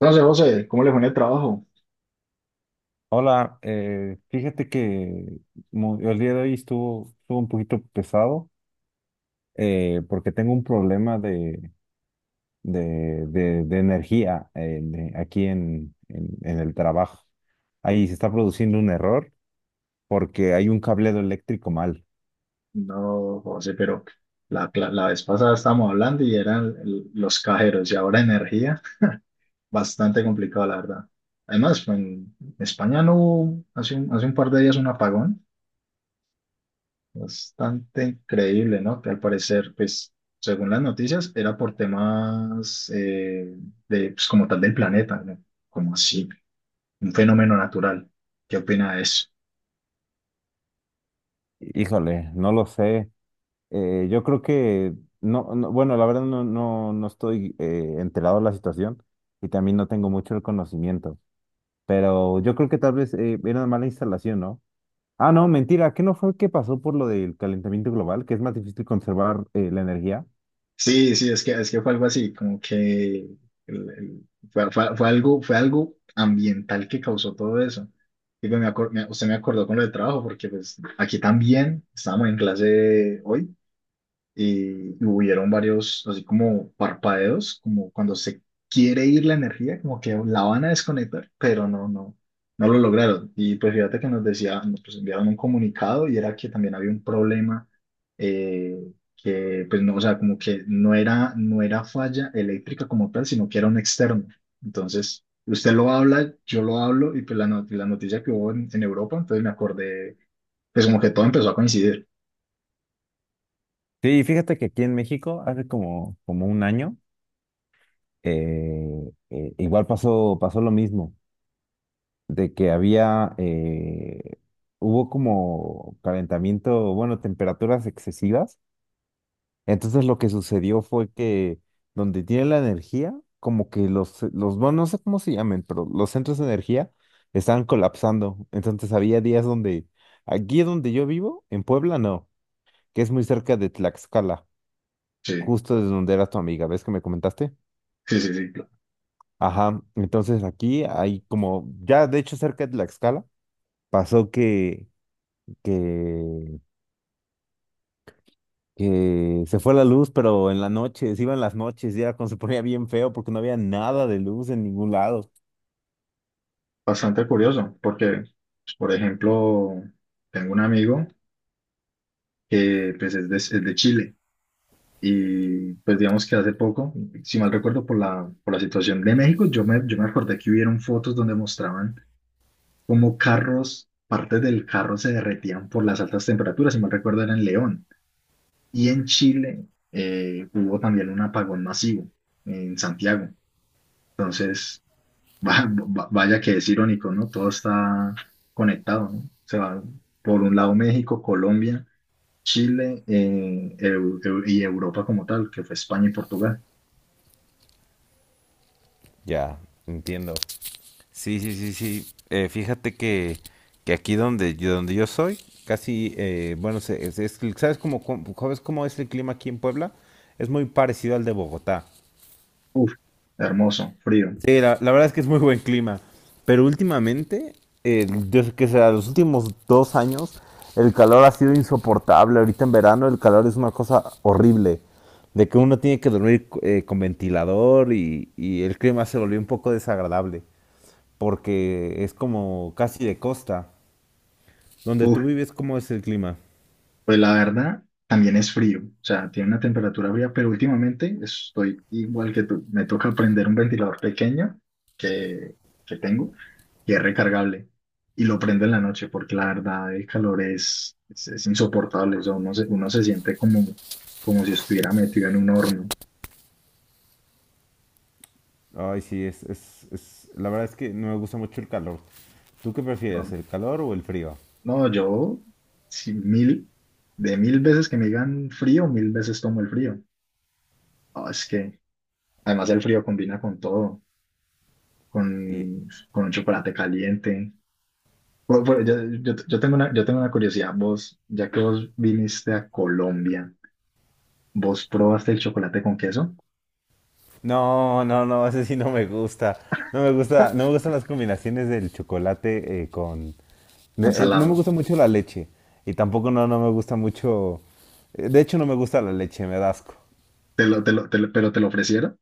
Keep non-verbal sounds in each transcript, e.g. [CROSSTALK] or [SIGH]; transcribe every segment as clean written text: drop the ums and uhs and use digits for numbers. No sé, José, ¿cómo le fue en el trabajo? Hola, fíjate que el día de hoy estuvo, estuvo un poquito pesado porque tengo un problema de energía aquí en el trabajo. Ahí se está produciendo un error porque hay un cableado eléctrico mal. No, José, pero la vez pasada estábamos hablando y eran los cajeros y ahora energía, bastante complicado, la verdad. Además, pues, en España no hubo hace un par de días un apagón, bastante increíble, ¿no? Que al parecer, pues, según las noticias, era por temas de, pues, como tal del planeta, ¿no? Como así, un fenómeno natural. ¿Qué opina de eso? Híjole, no lo sé. Yo creo que, no, bueno, la verdad no, no, no estoy enterado de la situación y también no tengo mucho el conocimiento, pero yo creo que tal vez era una mala instalación, ¿no? Ah, no, mentira, ¿qué no fue que pasó por lo del calentamiento global, que es más difícil conservar la energía? Sí, sí, es que fue algo así, como que fue algo ambiental que causó todo eso. Digo, usted me acordó con lo del trabajo, porque pues aquí también estábamos en clase hoy y hubieron varios, así como parpadeos, como cuando se quiere ir la energía, como que la van a desconectar, pero no, no lo lograron. Y pues fíjate que nos decía, nos pues, enviaron un comunicado y era que también había un problema eh, que, pues no, o sea, como que no era falla eléctrica como tal, sino que era un externo. Entonces, usted lo habla, yo lo hablo y pues la, not- la noticia que hubo en Europa, entonces me acordé, pues como que todo empezó a coincidir. Sí, fíjate que aquí en México hace como un año, igual pasó lo mismo, de que había, hubo como calentamiento, bueno, temperaturas excesivas. Entonces lo que sucedió fue que donde tiene la energía, como que bueno, no sé cómo se llamen, pero los centros de energía estaban colapsando. Entonces había días donde, aquí donde yo vivo, en Puebla no, que es muy cerca de Tlaxcala, Sí, justo desde donde era tu amiga, ¿ves que me comentaste? sí, sí, sí. Ajá, entonces aquí hay como, ya de hecho cerca de Tlaxcala, pasó que, que que se fue la luz, pero en la noche, se iban las noches y era cuando se ponía bien feo porque no había nada de luz en ningún lado. Bastante curioso, porque, pues, por ejemplo, tengo un amigo que pues, es de Chile y pues digamos que hace poco, si mal recuerdo por la situación de México, yo me acordé que hubieron fotos donde mostraban cómo carros, partes del carro se derretían por las altas temperaturas, si mal recuerdo era en León. Y en Chile hubo también un apagón masivo en Santiago. Entonces, Va- Vaya que es irónico, ¿no? Todo está conectado, ¿no? Se va por un lado México, Colombia, Chile, y Europa como tal, que fue España y Portugal. Ya, entiendo. Sí, sí, sí, sí. Fíjate que aquí donde yo soy, casi, bueno, ¿sabes cómo, sabes cómo es el clima aquí en Puebla? Es muy parecido al de Bogotá. Uf, hermoso, frío. Sí, la verdad es que es muy buen clima. Pero últimamente, desde que sea los últimos 2 años, el calor ha sido insoportable. Ahorita en verano el calor es una cosa horrible. De que uno tiene que dormir con ventilador y el clima se volvió un poco desagradable. Porque es como casi de costa. Donde tú Uf. vives, ¿cómo es el clima? Pues la verdad, también es frío, o sea, tiene una temperatura fría, pero últimamente estoy igual que tú. Me toca prender un ventilador pequeño que, que tengo que es recargable. Y lo prendo en la noche porque la verdad el calor es insoportable. O sea, uno se siente como, como si estuviera metido en un horno. Ay, sí, la verdad es que no me gusta mucho el calor. ¿Tú qué No, prefieres, el calor o el frío? no, yo, si mil, de mil veces que me digan frío, mil veces tomo el frío. Ah, es que además el frío combina con todo. Con un chocolate caliente. Bu- bu- yo, yo tengo una curiosidad, vos, ya que vos viniste a Colombia, ¿vos probaste el chocolate con queso? No, no, no, ese sí no me gusta. No me gusta, no me gustan las combinaciones del chocolate con... Con no me salado. gusta mucho la leche. Y tampoco no, no me gusta mucho... de hecho, no me gusta la leche, me da asco. Pero te lo ofrecieron.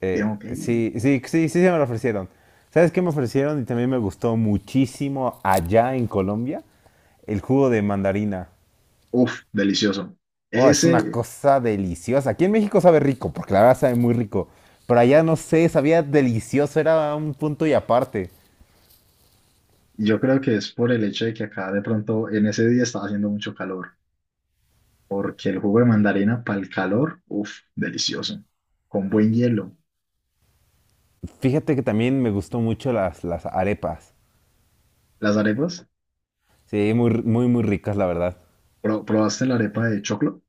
Digamos que Sí, sí, sí, sí, se me lo ofrecieron. ¿Sabes qué me ofrecieron? Y también me gustó muchísimo allá en Colombia, el jugo de mandarina. uff, delicioso. Oh, es una Ese, cosa deliciosa. Aquí en México sabe rico, porque la verdad sabe muy rico. Pero allá no sé, sabía delicioso, era un punto y aparte. yo creo que es por el hecho de que acá de pronto en ese día estaba haciendo mucho calor, porque el jugo de mandarina para el calor, uff, delicioso. Con buen hielo. Fíjate que también me gustó mucho las arepas. Las arepas, Sí, muy, muy, muy ricas, la verdad. Probaste la arepa de choclo?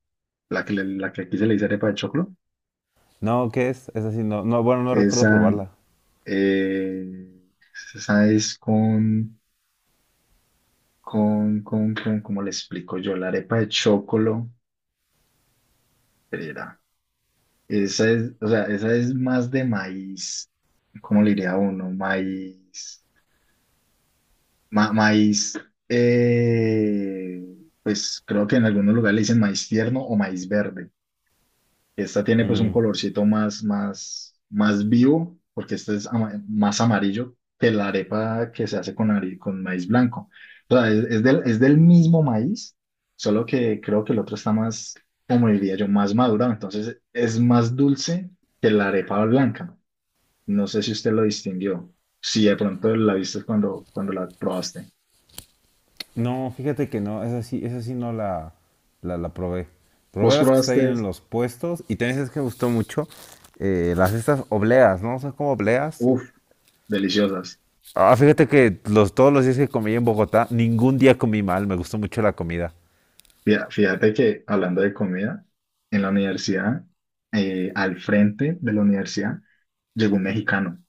La que aquí se le dice arepa de choclo, No, ¿qué es? Es así, no, no, bueno, no recuerdo esa, probarla. eh, esa es con, ¿cómo le explico yo? La arepa de choclo, espera, esa es, o sea, esa es más de maíz, ¿cómo le diría uno? Maíz, maíz, eh, pues creo que en algunos lugares le dicen maíz tierno o maíz verde. Esta tiene pues un Mm, colorcito más vivo, porque este es más amarillo que la arepa que se hace con maíz blanco. O sea, es del mismo maíz, solo que creo que el otro está más, como diría yo, más madurado. Entonces es más dulce que la arepa blanca. No sé si usted lo distinguió, si de pronto la viste cuando, cuando la probaste. no, fíjate que no, es así no la probé. Probé Vos las que están ahí probaste, en los puestos y también es que me gustó mucho las estas obleas, ¿no? Son como obleas. uff, deliciosas. Ah, fíjate que los, todos los días que comí en Bogotá, ningún día comí mal, me gustó mucho la comida. Fíjate que hablando de comida, en la universidad, al frente de la universidad, llegó un mexicano,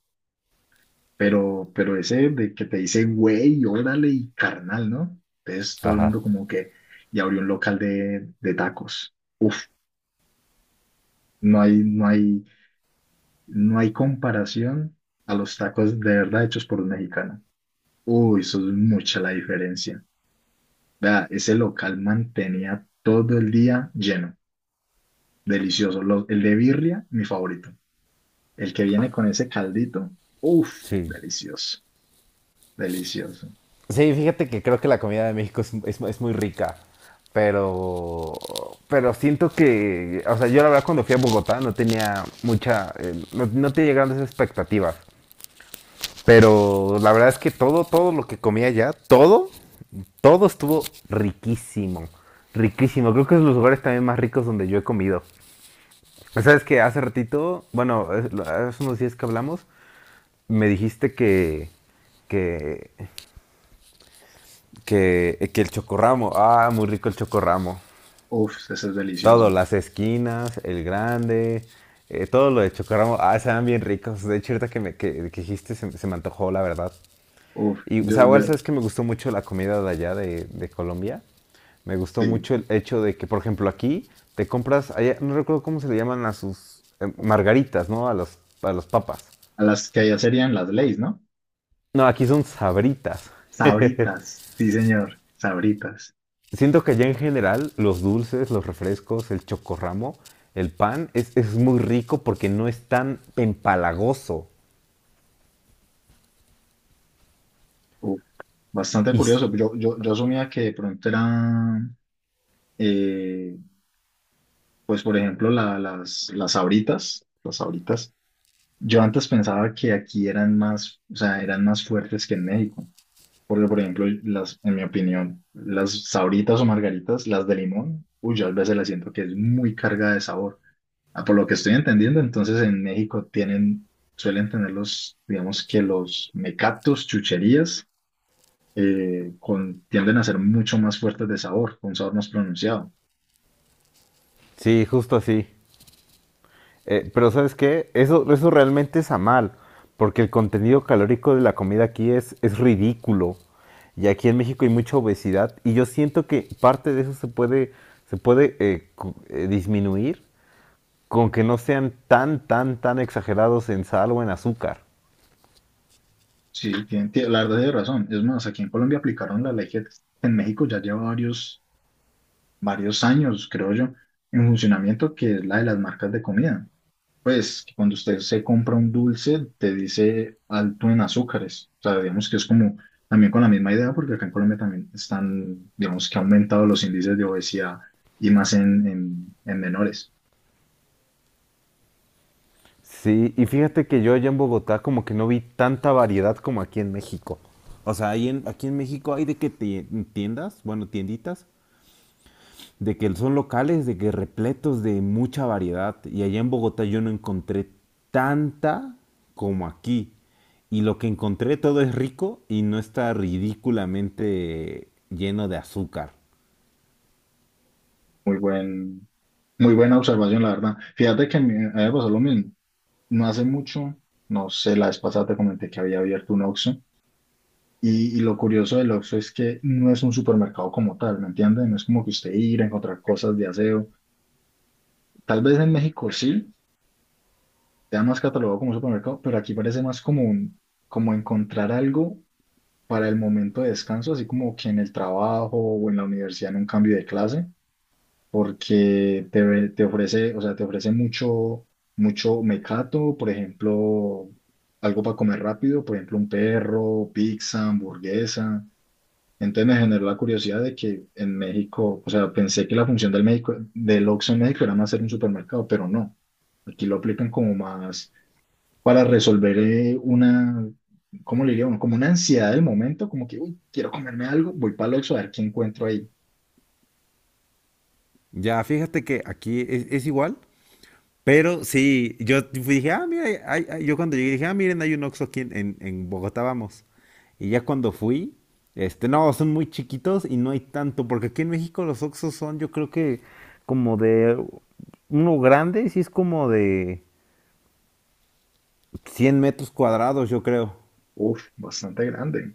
pero ese de que te dice, güey, órale y carnal, ¿no? Entonces todo el Ajá, mundo como que, y abrió un local de tacos. Uf, no hay, no hay, no hay comparación a los tacos de verdad hechos por un mexicano. Uy, eso es mucha la diferencia. Vea, ese local mantenía todo el día lleno, delicioso. El de birria, mi favorito. El que viene con ese caldito, uff, sí. delicioso, delicioso, Sí, fíjate que creo que la comida de México es, es muy rica, pero, pero siento que, o sea, yo la verdad cuando fui a Bogotá no tenía mucha, no, no tenía grandes expectativas, pero la verdad es que todo, todo lo que comía allá, todo, todo estuvo riquísimo, riquísimo. Creo que es de los lugares también más ricos donde yo he comido. Sabes que hace ratito, bueno, hace unos días que hablamos, me dijiste que, que el chocorramo. Ah, muy rico el chocorramo. uff, ese es Todo, delicioso, las esquinas, el grande, todo lo de chocorramo. Ah, se dan bien ricos. De hecho, ahorita que dijiste se me antojó, la verdad. uff, Y, o sea, yo, igual sabes que me gustó mucho la comida de allá de Colombia. Me gustó sí, mucho el hecho de que, por ejemplo, aquí te compras, allá, no recuerdo cómo se le llaman a sus margaritas, ¿no? A a los papas. a las que allá serían las leyes, ¿no? No, aquí son sabritas. [LAUGHS] Sabritas, sí señor, sabritas, Siento que ya en general los dulces, los refrescos, el chocorramo, el pan es muy rico porque no es tan empalagoso. uff, bastante Y s- curioso, yo asumía que de pronto eran, eh, pues por ejemplo, las sabritas, yo antes pensaba que aquí eran más, o sea, eran más fuertes que en México. Porque, por ejemplo, las, en mi opinión, las sabritas o margaritas, las de limón, uy, yo a veces las siento que es muy cargada de sabor. Ah, por lo que estoy entendiendo, entonces en México tienen, suelen tener los, digamos que los mecatos, chucherías, tienden a ser mucho más fuertes de sabor, con un sabor más pronunciado. Sí, justo así. Pero ¿sabes qué? Eso realmente es a mal, porque el contenido calórico de la comida aquí es ridículo. Y aquí en México hay mucha obesidad y yo siento que parte de eso se puede disminuir con que no sean tan, tan, tan exagerados en sal o en azúcar. Sí, la verdad tiene razón. Es más, aquí en Colombia aplicaron la ley que en México ya lleva varios, varios años, creo yo, en funcionamiento, que es la de las marcas de comida. Pues que cuando usted se compra un dulce, te dice alto en azúcares. O sea, digamos que es como también con la misma idea, porque acá en Colombia también están, digamos que ha aumentado los índices de obesidad y más en menores. Sí, y fíjate que yo allá en Bogotá como que no vi tanta variedad como aquí en México. O sea, aquí en México hay de que tiendas, bueno, tienditas, de que son locales, de que repletos de mucha variedad. Y allá en Bogotá yo no encontré tanta como aquí. Y lo que encontré todo es rico y no está ridículamente lleno de azúcar. Muy buen, muy buena observación, la verdad. Fíjate que me, a mí me pasó lo mismo. No hace mucho, no sé, la vez pasada te comenté que había abierto un Oxxo. Y lo curioso del Oxxo es que no es un supermercado como tal, ¿me entiendes? No es como que usted ir a encontrar cosas de aseo. Tal vez en México sí, ya más catalogado como un supermercado, pero aquí parece más como un, como encontrar algo para el momento de descanso, así como que en el trabajo o en la universidad en un cambio de clase, porque te ofrece, o sea, te ofrece mucho, mucho mecato, por ejemplo, algo para comer rápido, por ejemplo, un perro, pizza, hamburguesa. Entonces me generó la curiosidad de que en México, o sea, pensé que la función del Oxxo en México era más ser un supermercado, pero no. Aquí lo aplican como más para resolver una, ¿cómo le diría uno? Como una ansiedad del momento, como que, uy, quiero comerme algo, voy para el Oxxo a ver qué encuentro ahí. Ya, fíjate que aquí es igual, pero sí, yo dije, ah, mira, yo cuando llegué dije, ah, miren, hay un Oxxo aquí en, en Bogotá, vamos. Y ya cuando fui, este, no, son muy chiquitos y no hay tanto, porque aquí en México los Oxxos son, yo creo que como de uno grande, sí es como de 100 metros cuadrados, yo creo. Uf, bastante grande.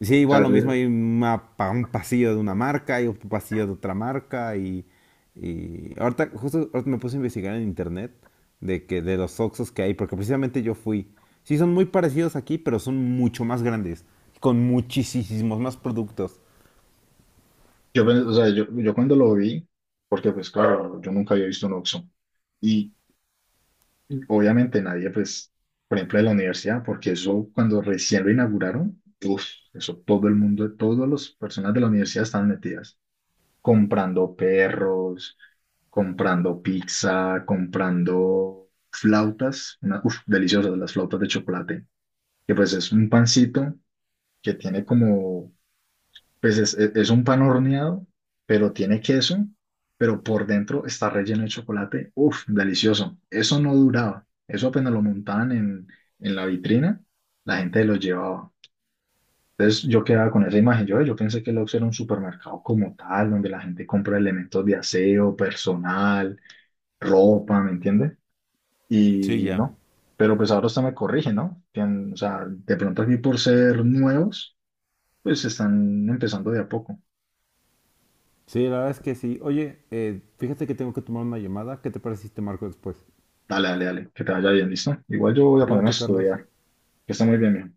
Sí, O igual sea, lo yo, mismo hay una un pasillo de una marca y otro pasillo de otra marca y ahorita justo ahorita me puse a investigar en internet de que de los Oxxos que hay, porque precisamente yo fui. Sí, son muy parecidos aquí, pero son mucho más grandes, con muchísimos más productos. yo pe- o sea, yo cuando lo vi, porque pues claro, yo nunca había visto un Oxxo. Y obviamente nadie, pues, por ejemplo, de la universidad, porque eso cuando recién lo inauguraron, uf, eso todo el mundo, todas las personas de la universidad estaban metidas. Comprando perros, comprando pizza, comprando flautas, una, uf, deliciosas las flautas de chocolate, que pues es un pancito que tiene como, pues es un pan horneado, pero tiene queso, pero por dentro está relleno de chocolate, uf, delicioso. Eso no duraba, eso apenas lo montaban en la vitrina, la gente lo llevaba. Entonces yo quedaba con esa imagen. Yo pensé que Lux era un supermercado como tal, donde la gente compra elementos de aseo, personal, ropa, ¿me entiendes? Sí, Y ya. no. Pero pues ahora usted me corrige, ¿no? O sea, de pronto aquí por ser nuevos, pues están empezando de a poco. Sí, la verdad es que sí. Oye, fíjate que tengo que tomar una llamada. ¿Qué te parece si te marco después? Dale, dale, dale, que te vaya bien, ¿listo? Igual yo voy a ponerme a Cuídate, Carlos. estudiar, que está muy bien, mijo.